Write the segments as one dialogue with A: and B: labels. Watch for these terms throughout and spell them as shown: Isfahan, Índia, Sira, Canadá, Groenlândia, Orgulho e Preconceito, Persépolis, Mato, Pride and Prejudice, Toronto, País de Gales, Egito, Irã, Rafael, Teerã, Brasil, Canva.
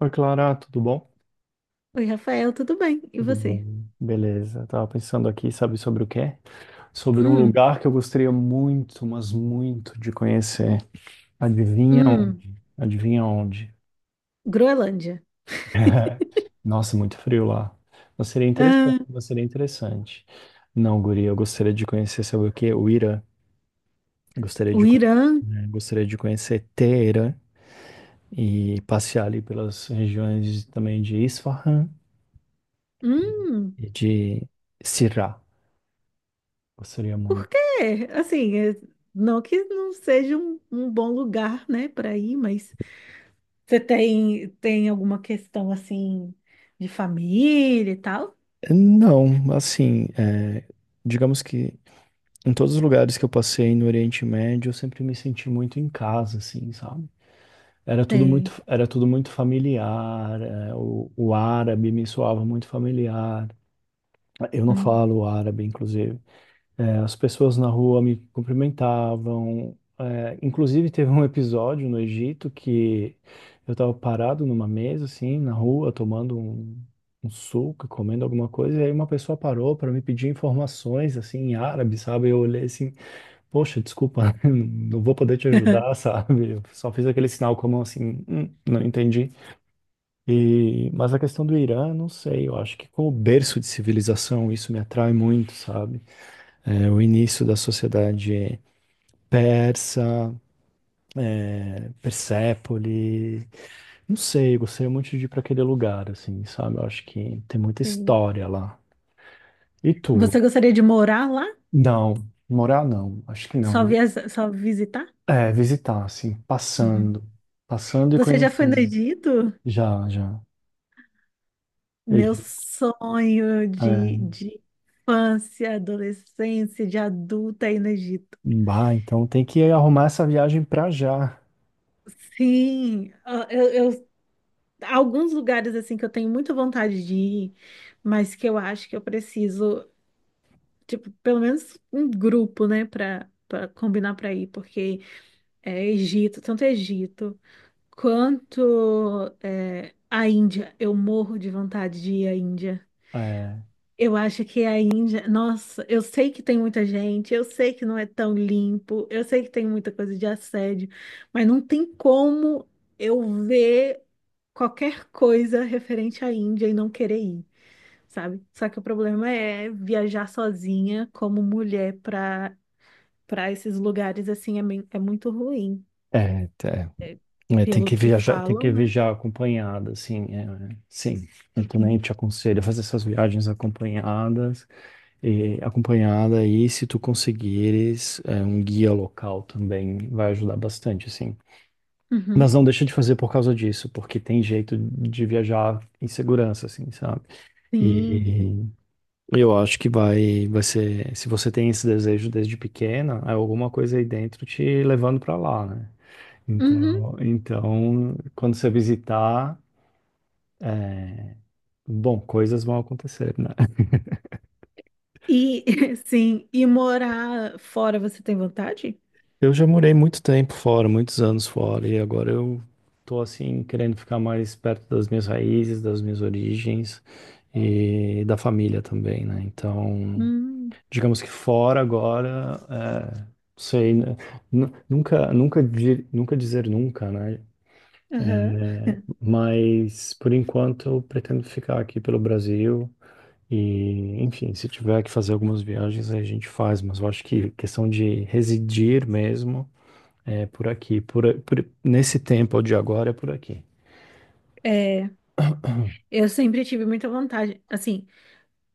A: Oi, Clara, tudo bom?
B: Oi, Rafael, tudo bem? E
A: Tudo
B: você?
A: bom? Beleza, tava pensando aqui, sabe sobre o quê? Sobre um
B: Hum,
A: lugar que eu gostaria muito, mas muito de conhecer. Adivinha
B: hum,
A: onde? Adivinha onde?
B: Groenlândia.
A: Nossa, muito frio lá. Mas seria interessante,
B: Ah,
A: mas seria interessante. Não, guria, eu gostaria de conhecer, sabe o quê? O Irã. Gostaria
B: o
A: de conhecer,
B: Irã.
A: gostaria de conhecer Teherã e passear ali pelas regiões também de Isfahan
B: Hum,
A: e de Sirá. Gostaria
B: por
A: muito.
B: quê? Assim, não que não seja um bom lugar, né, para ir, mas você tem alguma questão, assim, de família e tal?
A: Não, assim, digamos que em todos os lugares que eu passei no Oriente Médio, eu sempre me senti muito em casa, assim, sabe?
B: Tem.
A: Era tudo muito familiar, o árabe me soava muito familiar. Eu não
B: Hum.
A: falo árabe, inclusive. É, as pessoas na rua me cumprimentavam. É, inclusive, teve um episódio no Egito que eu estava parado numa mesa, assim, na rua, tomando um suco, comendo alguma coisa, e aí uma pessoa parou para me pedir informações, assim, em árabe, sabe? Eu olhei assim, poxa, desculpa, não vou poder te ajudar, sabe? Eu só fiz aquele sinal com a mão assim, não entendi. E, mas a questão do Irã, não sei, eu acho que como berço de civilização, isso me atrai muito, sabe? O início da sociedade persa, Persépole, não sei, gostaria muito de ir para aquele lugar, assim, sabe? Eu acho que tem muita
B: Tem.
A: história lá. E tu?
B: Você gostaria de morar lá?
A: Não, morar não, acho que não.
B: Só visitar?
A: É, visitar, assim,
B: Uhum.
A: passando, passando e
B: Você já foi no
A: conhecendo.
B: Egito?
A: Já, já.
B: Meu
A: Egi-
B: sonho
A: É,
B: de infância, adolescência, de adulta aí no Egito.
A: bah, então tem que arrumar essa viagem pra já.
B: Sim, ah, alguns lugares assim que eu tenho muita vontade de ir, mas que eu acho que eu preciso, tipo, pelo menos um grupo, né, para combinar para ir, porque é Egito, tanto Egito quanto é, a Índia. Eu morro de vontade de ir à Índia.
A: É,
B: Eu acho que a Índia, nossa, eu sei que tem muita gente, eu sei que não é tão limpo, eu sei que tem muita coisa de assédio, mas não tem como eu ver qualquer coisa referente à Índia e não querer ir, sabe? Só que o problema é viajar sozinha como mulher para esses lugares assim é, é muito ruim,
A: é.
B: é,
A: É,
B: pelo que
A: tem que
B: falam, né?
A: viajar acompanhada, assim, sim. Eu
B: Uhum,
A: também te aconselho a fazer essas viagens acompanhadas, e acompanhada e se tu conseguires um guia local também vai ajudar bastante, assim. Mas
B: uhum,
A: não deixa de fazer por causa disso, porque tem jeito de viajar em segurança, assim, sabe?
B: sim.
A: E eu acho que vai ser, se você tem esse desejo desde pequena, é alguma coisa aí dentro te levando pra lá, né?
B: Uhum.
A: Então, quando você visitar, bom, coisas vão acontecer, né?
B: E sim, e morar fora você tem vontade?
A: Eu já morei muito tempo fora, muitos anos fora, e agora eu tô assim querendo ficar mais perto das minhas raízes, das minhas origens e da família também, né? Então,
B: Hum,
A: digamos que fora agora, é, sei, né? Nunca, nunca dizer nunca, né?
B: aham.
A: Mas por enquanto eu pretendo ficar aqui pelo Brasil. E, enfim, se tiver que fazer algumas viagens, aí a gente faz, mas eu acho que questão de residir mesmo é por aqui, nesse tempo de agora é por aqui.
B: É, eu sempre tive muita vontade. Assim,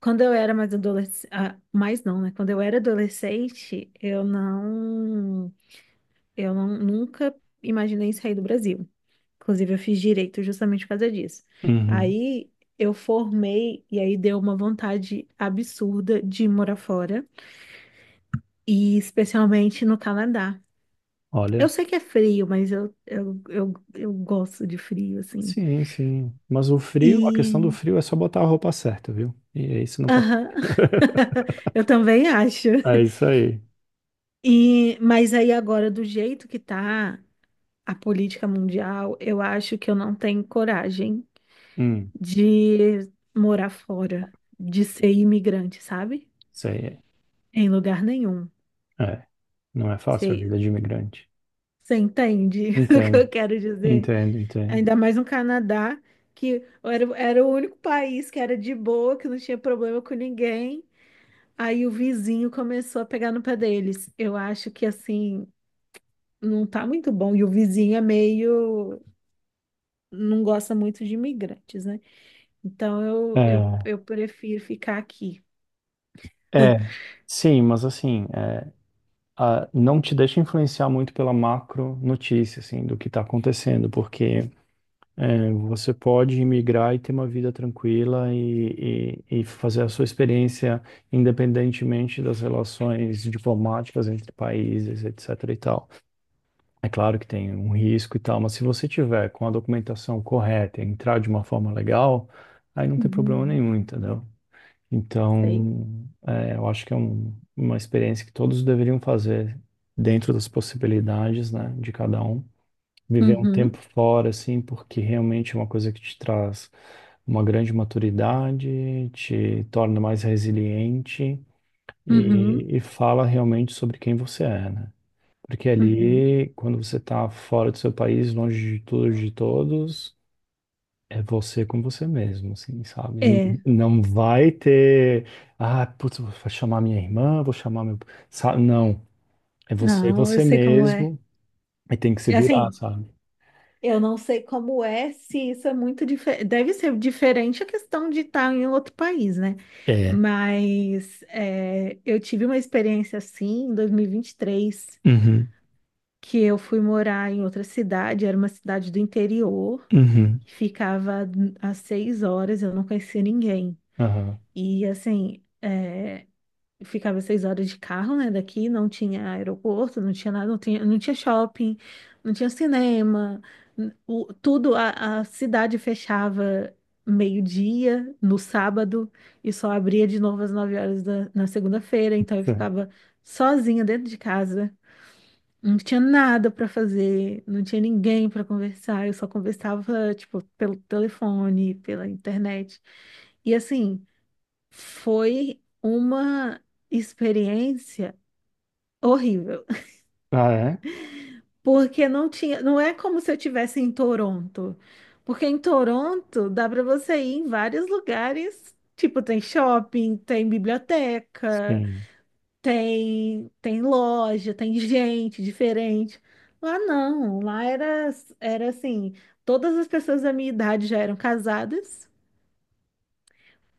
B: quando eu era mais adolescente, mais não, né? Quando eu era adolescente, eu não, nunca imaginei sair do Brasil. Inclusive, eu fiz direito justamente por causa disso.
A: Uhum.
B: Aí eu formei e aí deu uma vontade absurda de morar fora, e especialmente no Canadá. Eu
A: Olha,
B: sei que é frio, mas eu gosto de frio, assim.
A: sim, sim. Mas o frio, a questão do frio é só botar a roupa certa, viu? E aí você não passa.
B: Aham. Eu também acho.
A: É isso aí.
B: E, mas aí agora, do jeito que tá a política mundial, eu acho que eu não tenho coragem
A: Hum,
B: de morar fora, de ser imigrante, sabe?
A: isso aí. É,
B: Em lugar nenhum.
A: é, não é fácil a vida
B: Você,
A: de imigrante.
B: você entende o que eu
A: Entendo,
B: quero dizer?
A: entendo, entendo.
B: Ainda mais no Canadá, era o único país que era de boa, que não tinha problema com ninguém. Aí o vizinho começou a pegar no pé deles. Eu acho que assim. Não tá muito bom. E o vizinho é meio, não gosta muito de imigrantes, né? Então
A: É,
B: eu prefiro ficar aqui.
A: é. Sim, mas assim, é, ah, não te deixa influenciar muito pela macro notícia, assim, do que está acontecendo, porque é, você pode imigrar e ter uma vida tranquila e fazer a sua experiência independentemente das relações diplomáticas entre países, etc. e tal. É claro que tem um risco e tal, mas se você tiver com a documentação correta e entrar de uma forma legal, aí não tem problema
B: Uhum,
A: nenhum, entendeu?
B: sei.
A: Então, é, eu acho que é uma experiência que todos deveriam fazer dentro das possibilidades, né, de cada um. Viver um tempo
B: Uhum,
A: fora, assim, porque realmente é uma coisa que te traz uma grande maturidade, te torna mais resiliente
B: uhum,
A: e fala realmente sobre quem você é, né? Porque
B: uhum.
A: ali, quando você está fora do seu país, longe de tudo, e de todos, é você com você mesmo, assim, sabe?
B: É,
A: Não vai ter, ah, putz, vou chamar minha irmã, vou chamar meu. Não, é você,
B: não, eu
A: você
B: sei como é.
A: mesmo, e tem que se
B: É
A: virar,
B: assim,
A: sabe?
B: eu não sei como é se isso é muito diferente. Deve ser diferente a questão de estar em outro país, né?
A: É.
B: Mas é, eu tive uma experiência assim em 2023,
A: Uhum.
B: que eu fui morar em outra cidade, era uma cidade do interior,
A: Uhum.
B: que ficava às 6 horas, eu não conhecia ninguém.
A: Aham.
B: E assim, é, eu ficava 6 horas de carro, né, daqui, não tinha aeroporto, não tinha nada, não tinha shopping, não tinha cinema, tudo, a cidade fechava meio-dia no sábado e só abria de novo às 9 horas na segunda-feira, então eu
A: Sim.
B: ficava sozinha dentro de casa. Não tinha nada para fazer, não tinha ninguém para conversar, eu só conversava, tipo, pelo telefone, pela internet. E assim, foi uma experiência horrível,
A: Ah, é?
B: porque não tinha, não é como se eu tivesse em Toronto. Porque em Toronto dá para você ir em vários lugares, tipo, tem shopping, tem biblioteca,
A: Sim.
B: tem loja, tem gente diferente. Lá não, lá era assim, todas as pessoas da minha idade já eram casadas.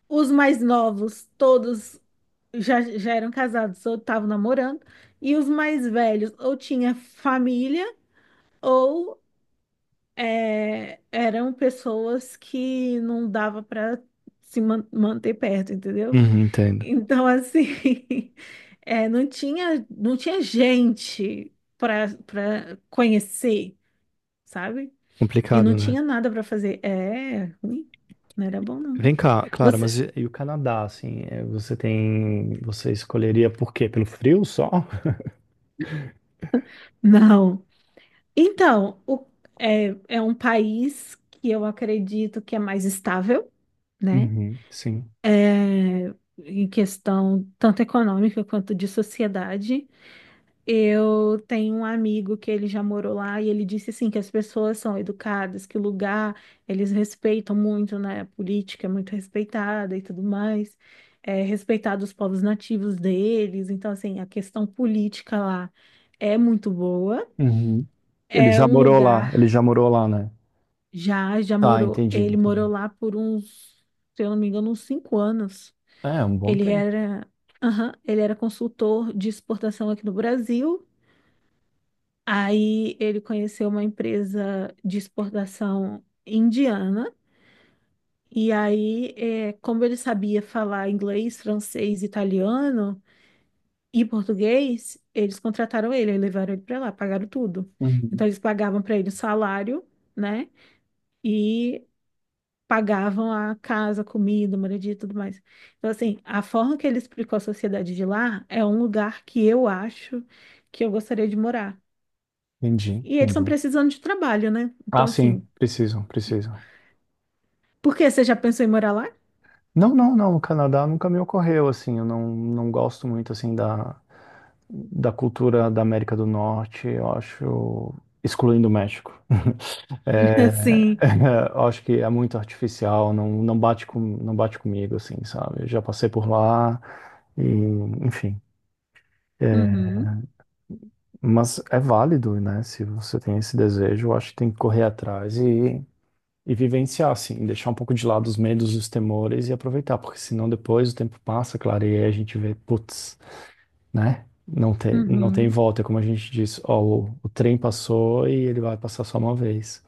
B: Os mais novos, todos já eram casados ou estavam namorando, e os mais velhos ou tinha família ou é, eram pessoas que não dava para se manter perto, entendeu?
A: Uhum, entendo.
B: Então, assim, é, não tinha gente para conhecer, sabe? E
A: Complicado,
B: não
A: né?
B: tinha nada para fazer. É, ruim. Não era bom, não.
A: Vem cá, Clara,
B: Você,
A: mas E o Canadá, assim, é, você tem. Você escolheria por quê? Pelo frio só?
B: não. Então, é, é um país que eu acredito que é mais estável, né?
A: Uhum, sim.
B: É, em questão tanto econômica quanto de sociedade. Eu tenho um amigo que ele já morou lá e ele disse assim que as pessoas são educadas, que o lugar eles respeitam muito, né? A política é muito respeitada e tudo mais, é respeitado os povos nativos deles. Então, assim, a questão política lá é muito boa.
A: Uhum. Ele
B: É
A: já
B: um
A: morou lá, ele
B: lugar
A: já morou lá, né?
B: já
A: Tá,
B: morou.
A: entendi,
B: Ele morou
A: entendi.
B: lá por uns, se eu não me engano, uns 5 anos.
A: É, um bom
B: Ele
A: tempo.
B: era, aham, ele era consultor de exportação aqui no Brasil. Aí ele conheceu uma empresa de exportação indiana, e aí, como ele sabia falar inglês, francês, italiano e português, eles contrataram ele, aí levaram ele para lá, pagaram tudo. Então
A: Uhum.
B: eles pagavam para ele o salário, né? E pagavam a casa, comida, moradia e tudo mais. Então, assim, a forma que ele explicou a sociedade de lá é um lugar que eu acho que eu gostaria de morar.
A: Entendi,
B: E eles estão
A: entendi.
B: precisando de trabalho, né?
A: Ah,
B: Então,
A: sim,
B: assim.
A: precisam, precisam.
B: Por quê? Você já pensou em morar lá?
A: Não, não, não, o Canadá nunca me ocorreu, assim, eu não, não gosto muito, assim, da cultura da América do Norte, eu acho, excluindo o México. É,
B: Sim.
A: eu acho que é muito artificial, não, não bate com, não bate comigo, assim, sabe? Eu já passei por lá e, enfim. É,
B: Uhum,
A: mas é válido, né? Se você tem esse desejo, eu acho que tem que correr atrás e vivenciar, assim, deixar um pouco de lado os medos, os temores e aproveitar, porque senão depois o tempo passa, clareia, e aí a gente vê, putz, né? Não tem, não tem
B: uhum,
A: volta, é como a gente diz, ó, o trem passou e ele vai passar só uma vez.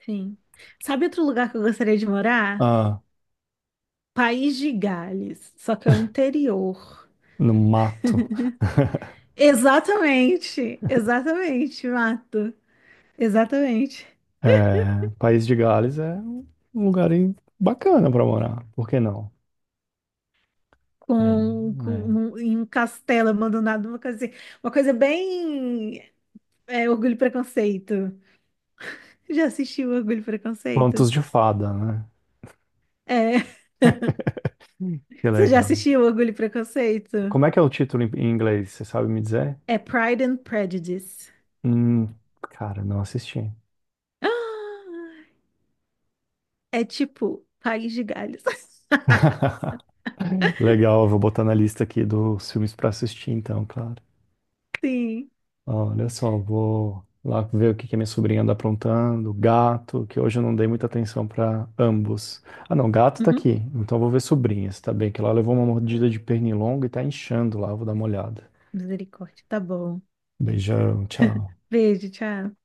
B: sim. Sabe outro lugar que eu gostaria de morar?
A: Ah,
B: País de Gales, só que é o interior.
A: no mato.
B: Exatamente, exatamente, Mato. Exatamente.
A: É, País de Gales é um lugar bacana pra morar, por que não? É, é.
B: Em um castelo abandonado, uma coisa assim. Uma coisa bem é, orgulho e preconceito. Já assistiu Orgulho e Preconceito?
A: Contos de fada, né?
B: É.
A: Que
B: Você já
A: legal.
B: assistiu Orgulho e Preconceito?
A: Como é que é o título em inglês? Você sabe me dizer?
B: É Pride and Prejudice.
A: Hum, cara, não assisti.
B: Ah, é tipo País de Galhos.
A: Legal, eu vou botar na lista aqui dos filmes pra assistir, então, claro.
B: Sim.
A: Olha só, vou lá ver o que que a minha sobrinha anda aprontando, gato, que hoje eu não dei muita atenção pra ambos. Ah, não, gato tá
B: Uhum.
A: aqui, então eu vou ver sobrinha, se tá bem, que ela levou uma mordida de pernilongo e tá inchando lá, eu vou dar uma olhada.
B: Misericórdia. Tá bom.
A: Beijão, tchau.
B: Beijo, tchau.